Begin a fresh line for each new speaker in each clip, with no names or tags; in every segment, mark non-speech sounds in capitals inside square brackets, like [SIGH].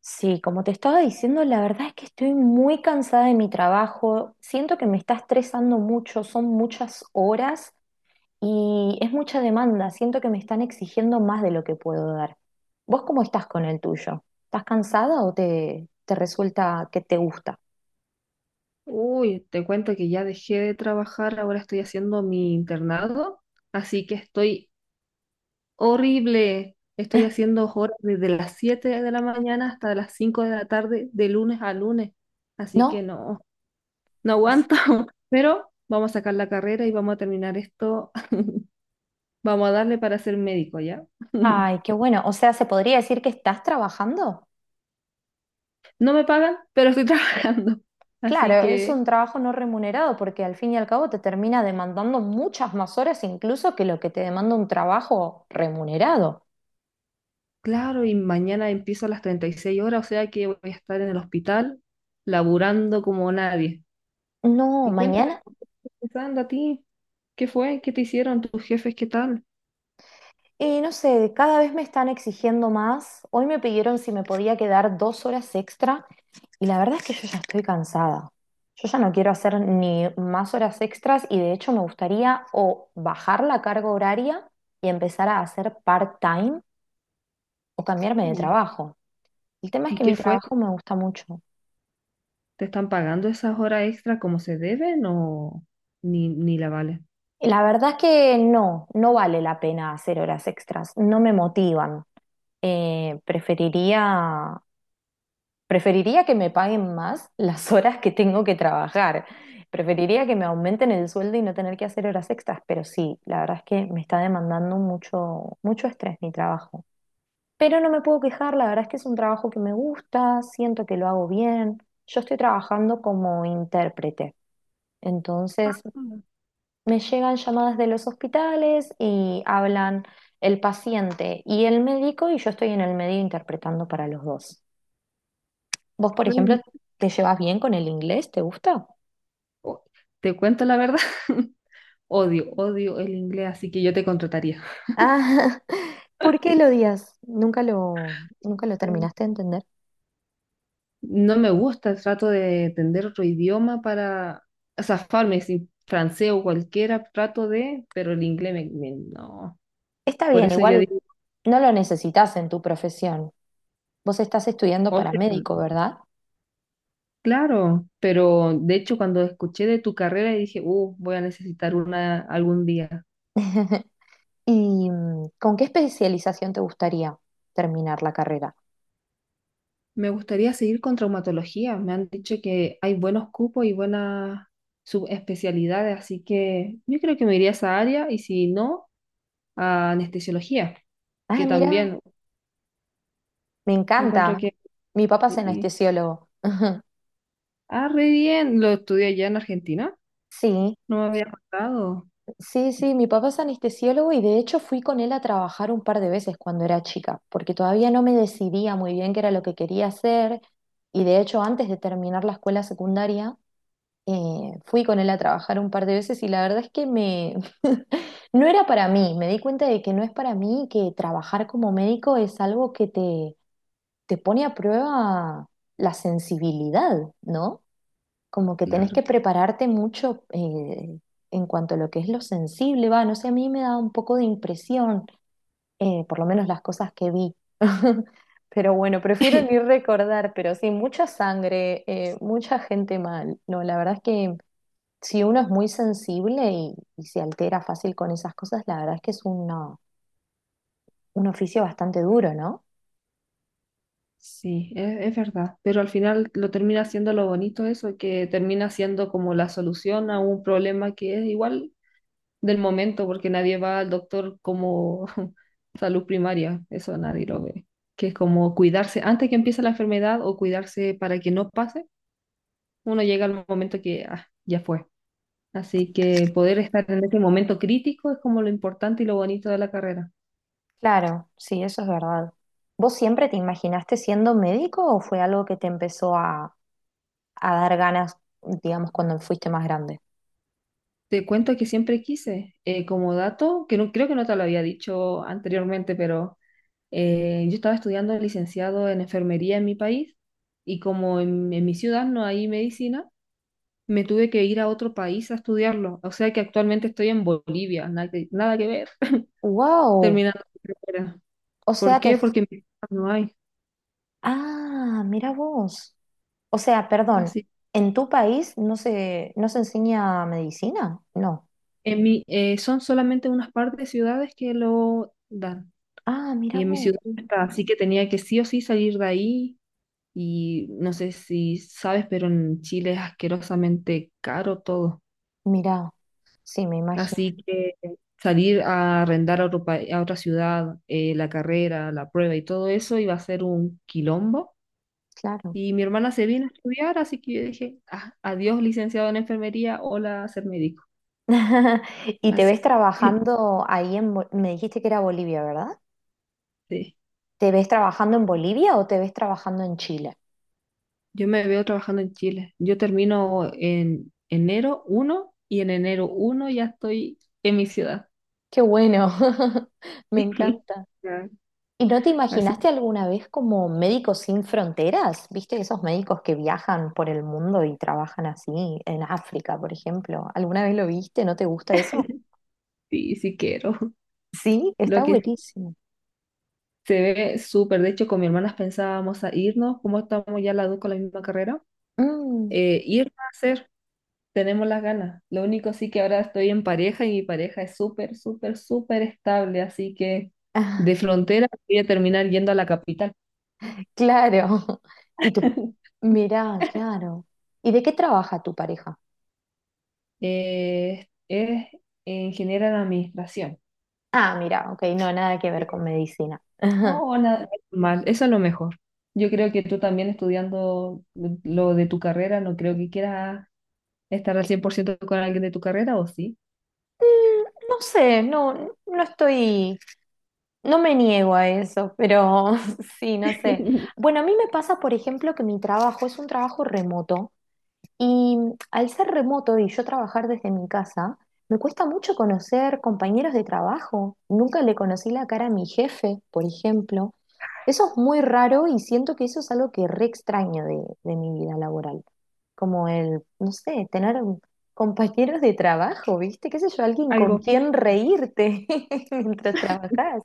Sí, como te estaba diciendo, la verdad es que estoy muy cansada de mi trabajo, siento que me está estresando mucho, son muchas horas y es mucha demanda, siento que me están exigiendo más de lo que puedo dar. ¿Vos cómo estás con el tuyo? ¿Estás cansada o te resulta que te gusta?
Uy, te cuento que ya dejé de trabajar, ahora estoy haciendo mi internado, así que estoy horrible. Estoy haciendo horas desde las 7 de la mañana hasta las 5 de la tarde, de lunes a lunes. Así
¿No?
que no, no aguanto, [LAUGHS] pero vamos a sacar la carrera y vamos a terminar esto. [LAUGHS] Vamos a darle para ser médico, ¿ya? [LAUGHS]
Ay, qué bueno, o sea, ¿se podría decir que estás trabajando?
No me pagan, pero estoy [LAUGHS] trabajando. Así
Claro, es
que
un trabajo no remunerado porque al fin y al cabo te termina demandando muchas más horas incluso que lo que te demanda un trabajo remunerado.
claro, y mañana empiezo a las 36 horas, o sea que voy a estar en el hospital laburando como nadie.
No,
Y cuéntame,
mañana,
¿por qué estás empezando a ti? ¿Qué fue? ¿Qué te hicieron tus jefes? ¿Qué tal?
no sé, cada vez me están exigiendo más. Hoy me pidieron si me podía quedar dos horas extra y la verdad es que yo ya estoy cansada. Yo ya no quiero hacer ni más horas extras y de hecho me gustaría o bajar la carga horaria y empezar a hacer part-time o cambiarme de
Uy,
trabajo. El tema es
¿y
que
qué
mi
fue?
trabajo me gusta mucho.
¿Te están pagando esas horas extra como se deben o ni la vale?
Y la verdad es que no, no vale la pena hacer horas extras, no me motivan. Eh, preferiría Preferiría que me paguen más las horas que tengo que trabajar. Preferiría que me aumenten el sueldo y no tener que hacer horas extras, pero sí, la verdad es que me está demandando mucho, mucho estrés mi trabajo. Pero no me puedo quejar, la verdad es que es un trabajo que me gusta, siento que lo hago bien. Yo estoy trabajando como intérprete,
Ah,
entonces me llegan llamadas de los hospitales y hablan el paciente y el médico y yo estoy en el medio interpretando para los dos. Vos, por
re
ejemplo,
bien.
¿te llevas bien con el inglés? ¿Te gusta?
O- Te cuento la verdad, [LAUGHS] odio, odio el inglés, así que yo te contrataría.
Ah, [LAUGHS] ¿por qué lo odias? Nunca lo terminaste de entender.
No me gusta, trato de entender otro idioma para zafarme, si francés o cualquiera, trato de, pero el inglés no.
Está
Por
bien,
eso yo
igual
digo,
no lo necesitas en tu profesión. Vos estás estudiando
o sea,
para médico, ¿verdad?
claro, pero de hecho cuando escuché de tu carrera dije, voy a necesitar una algún día.
[LAUGHS] ¿Y con qué especialización te gustaría terminar la carrera?
Me gustaría seguir con traumatología, me han dicho que hay buenos cupos y buenas subespecialidades, así que yo creo que me iría a esa área y si no, a anestesiología,
Ah,
que
mira,
también
me
encuentro
encanta.
que,
Mi papá es
sí.
anestesiólogo. [LAUGHS]
Ah, re bien. Lo estudié allá en Argentina.
Sí,
No me había, sí, contado.
sí, sí, mi papá es anestesiólogo y de hecho fui con él a trabajar un par de veces cuando era chica, porque todavía no me decidía muy bien qué era lo que quería hacer y de hecho antes de terminar la escuela secundaria fui con él a trabajar un par de veces y la verdad es que me [LAUGHS] no era para mí, me di cuenta de que no es para mí, que trabajar como médico es algo que te pone a prueba la sensibilidad, ¿no? Como que tenés
Claro.
que prepararte mucho en cuanto a lo que es lo sensible, va, no sé, a mí me da un poco de impresión, por lo menos las cosas que vi. [LAUGHS] Pero bueno, prefiero ni
[LAUGHS]
recordar, pero sí, mucha sangre, mucha gente mal. No, la verdad es que si uno es muy sensible y se altera fácil con esas cosas, la verdad es que es una- un oficio bastante duro, ¿no?
Sí, es verdad. Pero al final lo termina siendo lo bonito eso, que termina siendo como la solución a un problema que es igual del momento, porque nadie va al doctor como [LAUGHS] salud primaria. Eso nadie lo ve. Que es como cuidarse antes que empiece la enfermedad o cuidarse para que no pase. Uno llega al momento que ah, ya fue. Así que poder estar en ese momento crítico es como lo importante y lo bonito de la carrera.
Claro, sí, eso es verdad. ¿Vos siempre te imaginaste siendo médico o fue algo que te empezó a dar ganas, digamos, cuando fuiste más grande?
Te cuento que siempre quise, como dato, que no, creo que no te lo había dicho anteriormente, pero yo estaba estudiando licenciado en enfermería en mi país y como en mi ciudad no hay medicina, me tuve que ir a otro país a estudiarlo. O sea que actualmente estoy en Bolivia, nada que ver, [LAUGHS]
Wow,
terminando mi carrera.
o
¿Por
sea, te...
qué?
fu-
Porque en mi ciudad no hay.
Ah, mira vos. O sea, perdón,
Así.
¿en tu país no se enseña medicina? No.
Son solamente unas par de ciudades que lo dan
Ah, mira
y en mi
vos.
ciudad no está, así que tenía que sí o sí salir de ahí. Y no sé si sabes, pero en Chile es asquerosamente caro todo.
Mira, sí, me imagino,
Así que salir a arrendar a otra ciudad, la carrera, la prueba y todo eso iba a ser un quilombo.
claro.
Y mi hermana se vino a estudiar, así que yo dije, "Ah, adiós, licenciado en enfermería, hola, ser médico".
[LAUGHS] ¿Y te
Así
ves
que [LAUGHS]
trabajando ahí en... Bo- me dijiste que era Bolivia, ¿verdad?
sí,
¿Te ves trabajando en Bolivia o te ves trabajando en Chile?
yo me veo trabajando en Chile. Yo termino en enero 1 y en enero 1 ya estoy en mi ciudad.
Qué bueno, [LAUGHS] me
[LAUGHS]
encanta.
Ya.
¿Y no te
Así
imaginaste alguna vez como Médicos Sin Fronteras? ¿Viste esos médicos que viajan por el mundo y trabajan así en África, por ejemplo? ¿Alguna vez lo viste? ¿No te gusta eso?
Sí, sí quiero. [LAUGHS]
Sí,
Lo
está
que
buenísimo.
se ve súper. De hecho, con mi hermana pensábamos a irnos, como estamos ya las dos con la misma carrera,
Mm,
ir a hacer. Tenemos las ganas. Lo único sí que ahora estoy en pareja y mi pareja es súper, súper, súper estable. Así que de frontera voy a terminar yendo a la capital.
claro. [LAUGHS] Y tú,
[LAUGHS]
mirá, claro. ¿Y de qué trabaja tu pareja?
Es ingeniera en administración.
Ah, mira, ok, no, nada que ver con
Eh,
medicina. [LAUGHS]
No, nada mal. Eso es lo mejor. Yo creo que tú también estudiando lo de tu carrera, no creo que quieras estar al 100% con alguien de tu carrera o sí.
Mm, no sé, no estoy, no me niego a eso, pero [LAUGHS] sí, no sé.
[LAUGHS]
Bueno, a mí me pasa, por ejemplo, que mi trabajo es un trabajo remoto y al ser remoto y yo trabajar desde mi casa, me cuesta mucho conocer compañeros de trabajo. Nunca le conocí la cara a mi jefe, por ejemplo. Eso es muy raro y siento que eso es algo que re extraño de mi vida laboral. Como el, no sé, tener [LAUGHS] un- compañeros de trabajo, ¿viste? ¿Qué sé yo? Alguien con
Algo físico.
quien reírte [LAUGHS] mientras trabajas.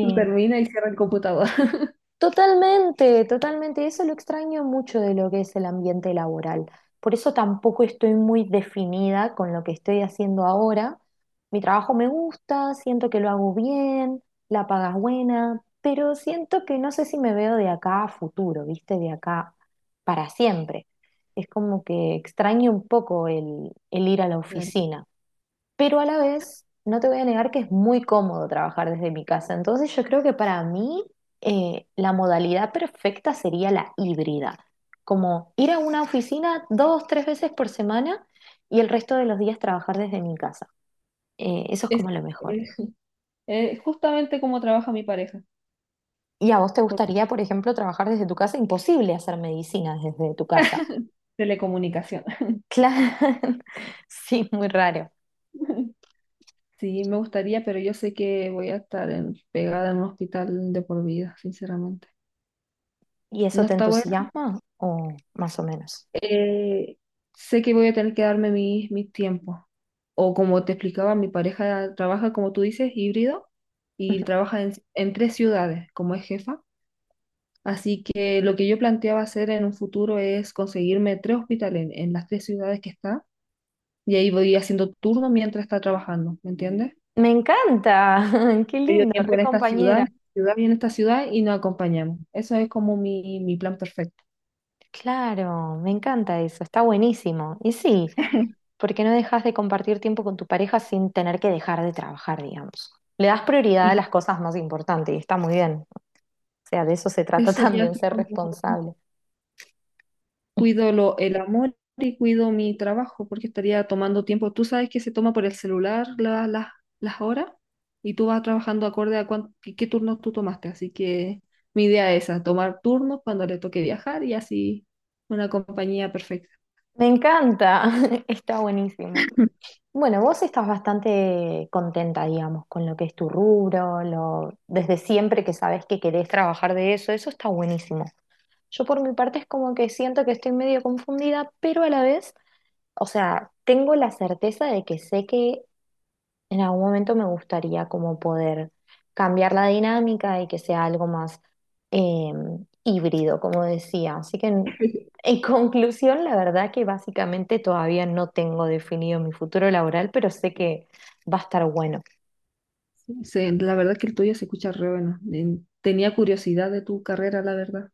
Tú termina y cierra el computador. [LAUGHS]
Totalmente, totalmente. Eso lo extraño mucho de lo que es el ambiente laboral. Por eso tampoco estoy muy definida con lo que estoy haciendo ahora. Mi trabajo me gusta, siento que lo hago bien, la paga es buena, pero siento que no sé si me veo de acá a futuro, ¿viste? De acá para siempre. Es como que extraño un poco el ir a la
Claro.
oficina, pero a la vez no te voy a negar que es muy cómodo trabajar desde mi casa. Entonces yo creo que para mí la modalidad perfecta sería la híbrida, como ir a una oficina dos, tres veces por semana y el resto de los días trabajar desde mi casa. Eso es
Es,
como lo mejor.
es- es justamente como trabaja mi pareja,
¿Y a vos te
por
gustaría, por ejemplo, trabajar desde tu casa? Imposible hacer medicina desde tu casa.
telecomunicación.
Claro, [LAUGHS] sí, muy raro.
[LAUGHS] Sí, me gustaría, pero yo sé que voy a estar pegada en un hospital de por vida, sinceramente.
¿Y eso
No
te
está bueno.
entusiasma o más o menos?
Eh, Sé que voy a tener que darme mis tiempos. O como te explicaba, mi pareja trabaja, como tú dices, híbrido y trabaja en tres ciudades, como es jefa. Así que lo que yo planteaba hacer en un futuro es conseguirme tres hospitales en las tres ciudades que está y ahí voy haciendo turno mientras está trabajando, ¿me entiendes?
Me encanta, [LAUGHS] qué
Medio
lindo,
tiempo
re compañera.
en esta ciudad y en esta ciudad y nos acompañamos. Eso es como mi plan perfecto.
Claro, me encanta eso, está buenísimo. Y sí,
[LAUGHS]
porque no dejas de compartir tiempo con tu pareja sin tener que dejar de trabajar, digamos. Le das prioridad a
Y
las cosas más importantes y está muy bien. O sea, de eso se trata [LAUGHS]
ese sería
también,
así
ser
como,
responsable.
cuido el amor y cuido mi trabajo, porque estaría tomando tiempo. Tú sabes que se toma por el celular las horas y tú vas trabajando acorde a qué turnos tú tomaste. Así que mi idea es esa, tomar turnos cuando le toque viajar y así una compañía perfecta.
Me encanta, [LAUGHS] está buenísimo.
[LAUGHS]
Bueno, vos estás bastante contenta, digamos, con lo que es tu rubro, lo, desde siempre que sabes que querés trabajar de eso, eso está buenísimo. Yo por mi parte es como que siento que estoy medio confundida, pero a la vez, o sea, tengo la certeza de que sé que en algún momento me gustaría como poder cambiar la dinámica y que sea algo más eh, híbrido, como decía. Así que en [LAUGHS] conclusión, la verdad que básicamente todavía no tengo definido mi futuro laboral, pero sé que va a estar bueno.
Sí, la verdad es que el tuyo se escucha re bueno. Tenía curiosidad de tu carrera, la verdad.